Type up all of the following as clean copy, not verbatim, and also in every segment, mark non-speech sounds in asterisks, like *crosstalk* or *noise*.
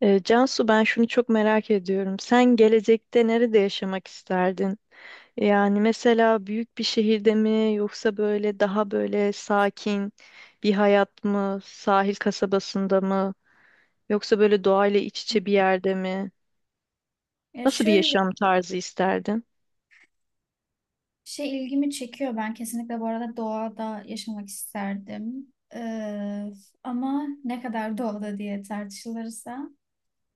Cansu, ben şunu çok merak ediyorum. Sen gelecekte nerede yaşamak isterdin? Yani mesela büyük bir şehirde mi yoksa böyle daha böyle sakin bir hayat mı? Sahil kasabasında mı? Yoksa böyle doğayla iç içe bir yerde mi? Ya Nasıl bir şöyle yaşam tarzı isterdin? şey ilgimi çekiyor. Ben kesinlikle bu arada doğada yaşamak isterdim. Ama ne kadar doğada diye tartışılırsa.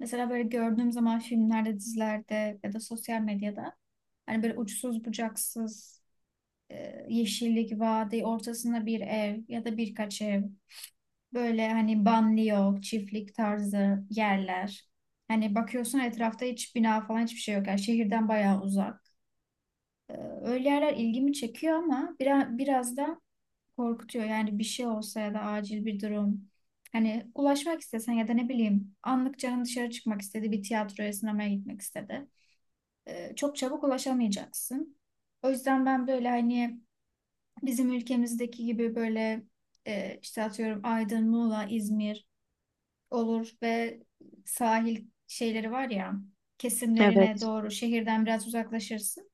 Mesela böyle gördüğüm zaman filmlerde, dizilerde ya da sosyal medyada hani böyle uçsuz bucaksız yeşillik, vadi, ortasında bir ev ya da birkaç ev. Böyle hani banliyö, çiftlik tarzı yerler. Hani bakıyorsun etrafta hiç bina falan hiçbir şey yok. Yani şehirden bayağı uzak. Ee, Öyle yerler ilgimi çekiyor ama biraz da korkutuyor. Yani bir şey olsa ya da acil bir durum. Hani ulaşmak istesen ya da ne bileyim anlık canın dışarı çıkmak istedi, bir tiyatroya, sinemaya gitmek istedi. Çok çabuk ulaşamayacaksın. O yüzden ben böyle hani bizim ülkemizdeki gibi böyle işte atıyorum Aydın, Muğla, İzmir olur ve sahil şeyleri var ya kesimlerine Evet. doğru şehirden biraz uzaklaşırsın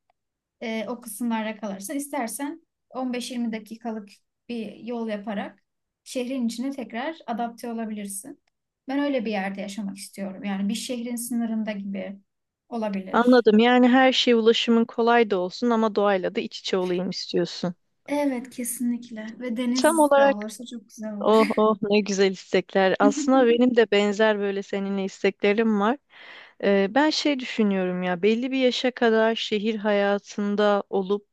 o kısımlarda kalırsa istersen 15-20 dakikalık bir yol yaparak şehrin içine tekrar adapte olabilirsin. Ben öyle bir yerde yaşamak istiyorum. Yani bir şehrin sınırında gibi olabilir. Anladım. Yani her şey ulaşımın kolay da olsun ama doğayla da iç içe olayım istiyorsun. Evet, kesinlikle ve Tam deniz de olarak. olursa çok güzel olur. Oh oh, ne güzel istekler. Aslında *laughs* benim de benzer böyle seninle isteklerim var. Ben şey düşünüyorum ya, belli bir yaşa kadar şehir hayatında olup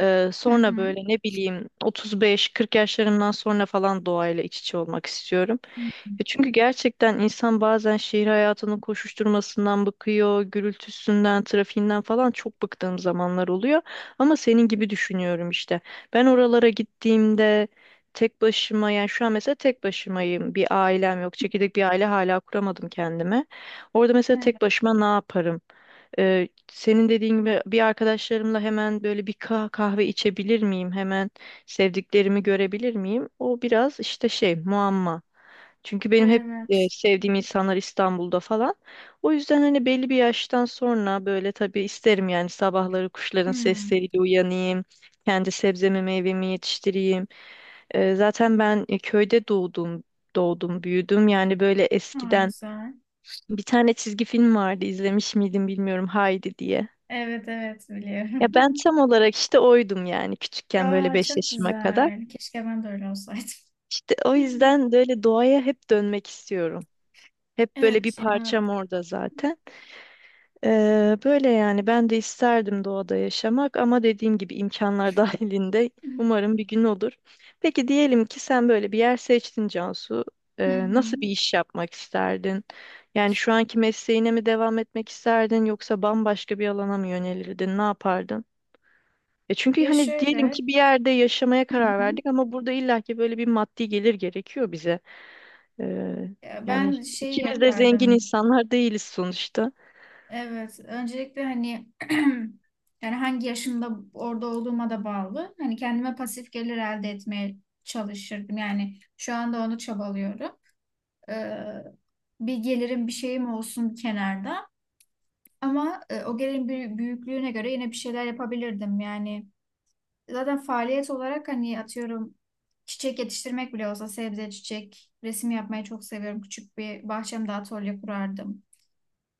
Hı sonra hı. böyle ne bileyim 35-40 yaşlarımdan sonra falan doğayla iç içe olmak istiyorum. Ya çünkü gerçekten insan bazen şehir hayatının koşuşturmasından bıkıyor, gürültüsünden, trafiğinden falan çok bıktığım zamanlar oluyor. Ama senin gibi düşünüyorum işte. Ben oralara gittiğimde tek başıma, yani şu an mesela tek başımayım. Bir ailem yok. Çekirdek bir aile hala kuramadım kendime. Orada mesela Evet. tek başıma ne yaparım? Senin dediğin gibi bir arkadaşlarımla hemen böyle bir kahve içebilir miyim? Hemen sevdiklerimi görebilir miyim? O biraz işte şey muamma. Çünkü benim hep Evet. sevdiğim insanlar İstanbul'da falan. O yüzden hani belli bir yaştan sonra böyle tabii isterim yani sabahları kuşların Hmm. sesleriyle uyanayım. Kendi sebzemi meyvemi yetiştireyim. Zaten ben köyde doğdum, büyüdüm. Yani böyle Aa, eskiden güzel. bir tane çizgi film vardı, izlemiş miydim bilmiyorum, Haydi diye. Evet, evet, Ya biliyorum. ben *laughs* tam olarak işte oydum yani küçükken böyle Aa, 5 çok yaşıma kadar. güzel. Keşke ben de öyle olsaydım. İşte o *laughs* yüzden böyle doğaya hep dönmek istiyorum. Hep böyle bir Evet ya. parçam orada zaten. Böyle yani ben de isterdim doğada yaşamak ama dediğim gibi imkanlar *laughs* dahilinde umarım *clears throat* bir gün olur. Peki diyelim ki sen böyle bir yer seçtin Cansu. Hı hı. Nasıl bir iş yapmak isterdin? Yani şu anki mesleğine mi devam etmek isterdin yoksa bambaşka bir alana mı yönelirdin? Ne yapardın? Çünkü Ya hani diyelim şöyle. ki bir yerde yaşamaya Hı karar hı. verdik ama burada illaki böyle bir maddi gelir gerekiyor bize. Ee, Ya Yani ben şey ikimiz de zengin yapardım. insanlar değiliz sonuçta. Evet, öncelikle hani *clears throat* yani hangi yaşımda orada olduğuma da bağlı. Hani kendime pasif gelir elde etmeye çalışırdım. Yani şu anda onu çabalıyorum. Ee, bir gelirim bir şeyim olsun kenarda. Ama o gelirin büyüklüğüne göre yine bir şeyler yapabilirdim. Yani zaten faaliyet olarak hani atıyorum çiçek yetiştirmek bile olsa sebze, çiçek, resim yapmayı çok seviyorum. Küçük bir bahçemde atölye kurardım.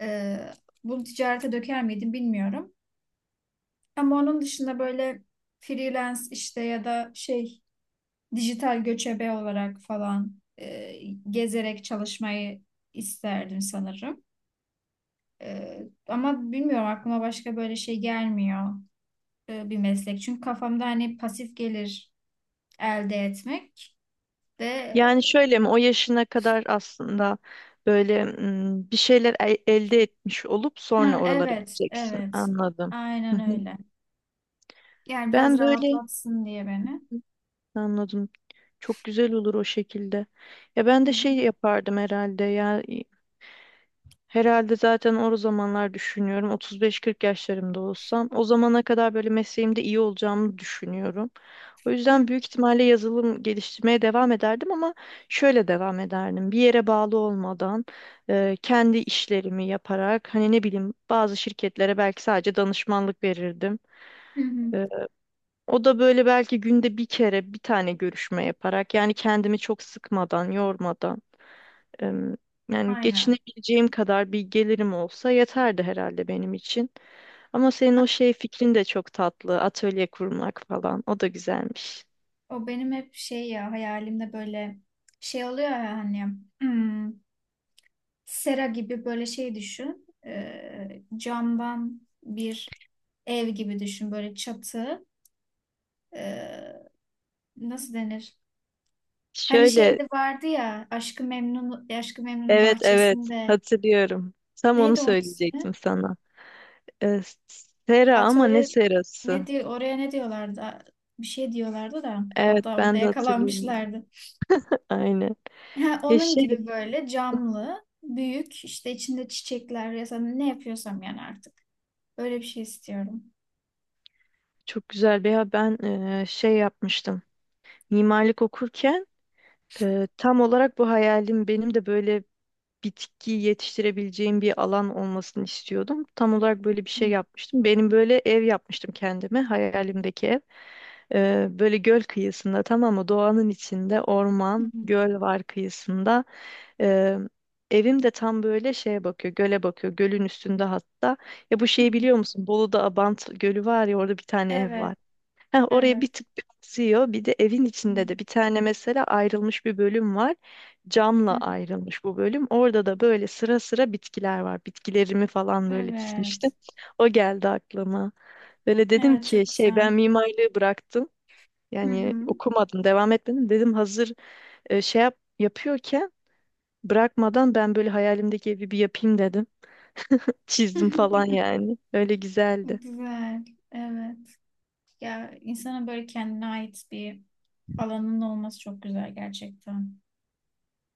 Ee, bunu ticarete döker miydim bilmiyorum. Ama onun dışında böyle freelance işte ya da şey dijital göçebe olarak falan gezerek çalışmayı isterdim sanırım. Ama bilmiyorum aklıma başka böyle şey gelmiyor bir meslek. Çünkü kafamda hani pasif gelir elde etmek de. Yani şöyle mi, o yaşına kadar aslında böyle bir şeyler elde etmiş olup sonra Ha, oralara evet, gideceksin. evet. Anladım. Hı Aynen hı. öyle. Yani biraz Ben böyle rahatlatsın diye beni. anladım. Çok güzel olur o şekilde. Ya Hı ben de hı. şey yapardım herhalde ya. Herhalde zaten o zamanlar düşünüyorum. 35-40 yaşlarımda olsam, o zamana kadar böyle mesleğimde iyi olacağımı düşünüyorum. O Hı yüzden büyük ihtimalle yazılım geliştirmeye devam ederdim ama şöyle devam ederdim. Bir yere bağlı olmadan kendi işlerimi yaparak hani ne bileyim bazı şirketlere belki sadece danışmanlık verirdim. hı. Hı. E, O da böyle belki günde bir kere bir tane görüşme yaparak, yani kendimi çok sıkmadan, yormadan. Em, Yani Aynen. geçinebileceğim kadar bir gelirim olsa yeterdi herhalde benim için. Ama senin o şey fikrin de çok tatlı. Atölye kurmak falan. O da güzelmiş. O benim hep şey ya hayalimde böyle şey oluyor ya hani hmm, sera gibi böyle şey düşün. Camdan bir ev gibi düşün böyle çatı. Ee, nasıl denir? Hani Şöyle, şeyde vardı ya Aşkı Memnun'un evet, evet, bahçesinde hatırlıyorum. Tam onu neydi onun ismi? söyleyecektim sana. Ee, Sera ama ne Atölye ne serası? diyor oraya ne diyorlardı? Bir şey diyorlardı da Evet, hatta orada ben de hatırlıyorum. yakalanmışlardı. *laughs* Aynen. Ha, Ya onun şey gibi böyle camlı, büyük işte içinde çiçekler ya da ne yapıyorsam yani artık. Öyle bir şey istiyorum. çok güzel, veya ben şey yapmıştım. Mimarlık okurken tam olarak bu hayalim benim de böyle bitki yetiştirebileceğim bir alan olmasını istiyordum. Tam olarak böyle bir Hı şey yapmıştım. Benim böyle ev yapmıştım kendime, hayalimdeki ev. Böyle göl kıyısında, tamam mı? Doğanın içinde, hı orman, hı. göl var kıyısında. Ee, Evim de tam böyle şeye bakıyor, göle bakıyor. Gölün üstünde hatta. Ya bu şeyi Hı. biliyor musun? Bolu'da Abant Gölü var ya, orada bir tane ev var. Evet, Heh, oraya bir evet. tık bir akıyor. Bir de evin içinde de bir tane mesela ayrılmış bir bölüm var. Hı, Camla hı. ayrılmış bu bölüm. Orada da böyle sıra sıra bitkiler var. Bitkilerimi falan böyle dizmiştim. Evet. O geldi aklıma. Böyle dedim Evet, ki çok şey, güzel. ben mimarlığı bıraktım. Hı Yani hı. okumadım, devam etmedim. Dedim hazır şey yapıyorken bırakmadan ben böyle hayalimdeki evi bir yapayım dedim. Çizdim falan *laughs* yani. Öyle güzeldi. Güzel. Evet. Ya insana böyle kendine ait bir alanın olması çok güzel gerçekten.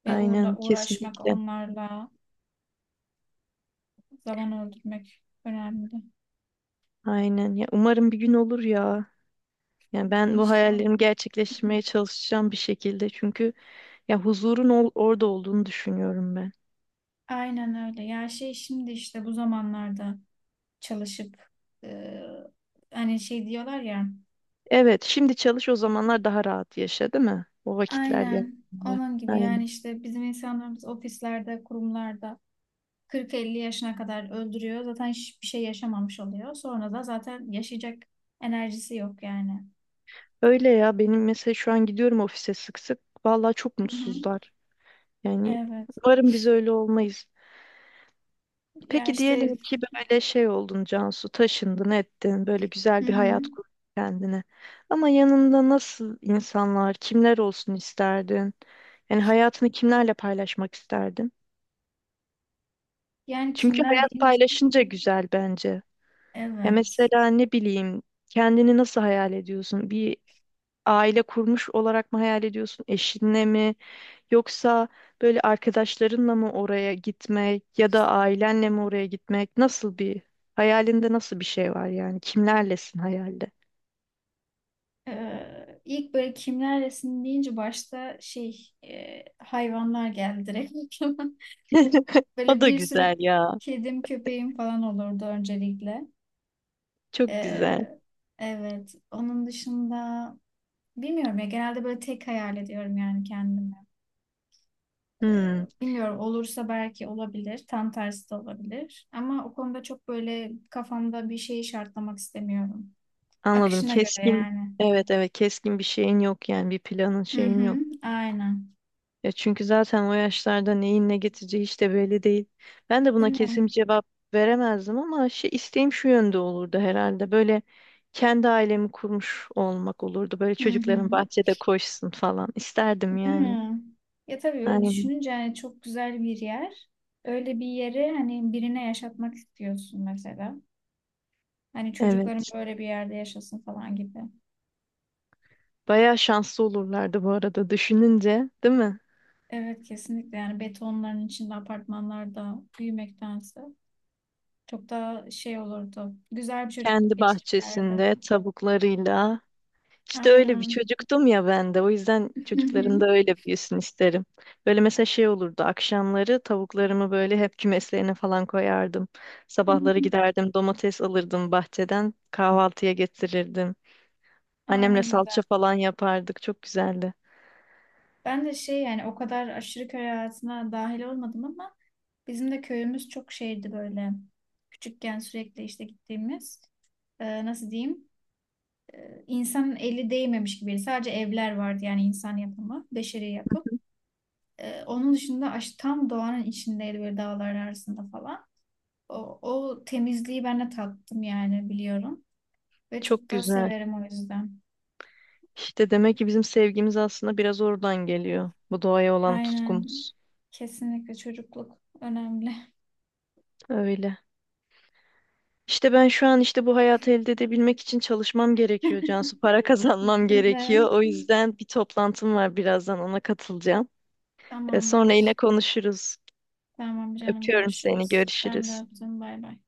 Ve Aynen, uğraşmak kesinlikle. onlarla zaman öldürmek önemli. Aynen ya, umarım bir gün olur ya. Yani ben bu İnşallah. hayallerimi gerçekleştirmeye çalışacağım bir şekilde. Çünkü ya huzurun orada olduğunu düşünüyorum ben. Aynen öyle. Ya şey şimdi işte bu zamanlarda çalışıp e, hani şey diyorlar ya. Evet, şimdi çalış o zamanlar daha rahat yaşa, değil mi? O vakitler Aynen geldiğinde. onun gibi yani Aynen. işte bizim insanlarımız ofislerde, kurumlarda 40-50 yaşına kadar öldürüyor. Zaten hiçbir şey yaşamamış oluyor. Sonra da zaten yaşayacak enerjisi yok yani. Öyle ya, benim mesela şu an gidiyorum ofise sık sık. Vallahi çok Hı hı. mutsuzlar. Yani Evet. umarım biz öyle olmayız. Ya Peki işte. diyelim ki böyle şey oldun Cansu, taşındın ettin, böyle Hı güzel bir hı. hayat kurdun kendine. Ama yanında nasıl insanlar, kimler olsun isterdin? Yani hayatını kimlerle paylaşmak isterdin? Yani Çünkü kimler hayat deyince paylaşınca güzel bence. Ya evet. mesela ne bileyim, kendini nasıl hayal ediyorsun? Bir aile kurmuş olarak mı hayal ediyorsun? Eşinle mi? Yoksa böyle arkadaşlarınla mı oraya gitmek, ya da ailenle mi oraya gitmek? Nasıl bir hayalinde, nasıl bir şey var yani? Kimlerlesin hayalde? İlk böyle kimler resim deyince başta şey hayvanlar geldi direkt aklıma. *laughs* *laughs* O Böyle da bir sürü güzel ya. kedim köpeğim falan olurdu öncelikle. Çok güzel. Ee, evet, onun dışında bilmiyorum ya genelde böyle tek hayal ediyorum yani kendimi. Ee, Hmm, bilmiyorum olursa belki olabilir tam tersi de olabilir. Ama o konuda çok böyle kafamda bir şeyi şartlamak istemiyorum. Anladım. Akışına göre Keskin. yani. Evet, evet, keskin bir şeyin yok yani, bir planın Hı şeyin hı, yok. aynen. Ya çünkü zaten o yaşlarda neyin ne getireceği hiç de belli değil. Ben de Değil buna kesin bir mi? cevap veremezdim ama şey, isteğim şu yönde olurdu herhalde. Böyle kendi ailemi kurmuş olmak olurdu. Böyle Hı hı. çocukların bahçede koşsun falan isterdim Değil yani. mi? Ya tabii öyle Aynen. düşününce hani çok güzel bir yer. Öyle bir yeri hani birine yaşatmak istiyorsun mesela. Hani çocukların Evet. böyle bir yerde yaşasın falan gibi. Bayağı şanslı olurlardı bu arada düşününce, değil mi? Evet, kesinlikle yani betonların içinde apartmanlarda büyümektense çok daha şey olurdu. Güzel bir çocukluk Kendi geçirirlerdi. bahçesinde tavuklarıyla. İşte öyle bir Aynen. çocuktum ya ben de. O yüzden Hı hı. çocukların da öyle büyüsün isterim. Böyle mesela şey olurdu. Akşamları tavuklarımı böyle hep kümeslerine falan koyardım. Hı Sabahları hı. giderdim, domates alırdım bahçeden. Kahvaltıya getirirdim. Annemle Aynen güzel. salça falan yapardık. Çok güzeldi. Ben de şey yani o kadar aşırı köy hayatına dahil olmadım ama. Bizim de köyümüz çok şeydi böyle. Küçükken sürekli işte gittiğimiz. Nasıl diyeyim? E, insanın eli değmemiş gibi. Sadece evler vardı yani insan yapımı, beşeri yapım. Onun dışında tam doğanın içindeydi böyle dağlar arasında falan. O, o temizliği ben de tattım yani biliyorum. Ve Çok çok da güzel. severim o yüzden. İşte demek ki bizim sevgimiz aslında biraz oradan geliyor. Bu doğaya olan Aynen. tutkumuz. Kesinlikle çocukluk önemli. Öyle. İşte ben şu an işte bu hayatı elde edebilmek için çalışmam gerekiyor Cansu. Para *laughs* *laughs* kazanmam Ben de. gerekiyor. O yüzden bir toplantım var, birazdan ona katılacağım. Sonra yine Tamamdır. konuşuruz. Tamam canım Öpüyorum seni. görüşürüz. Ben de Görüşürüz. öptüm. Bay bay.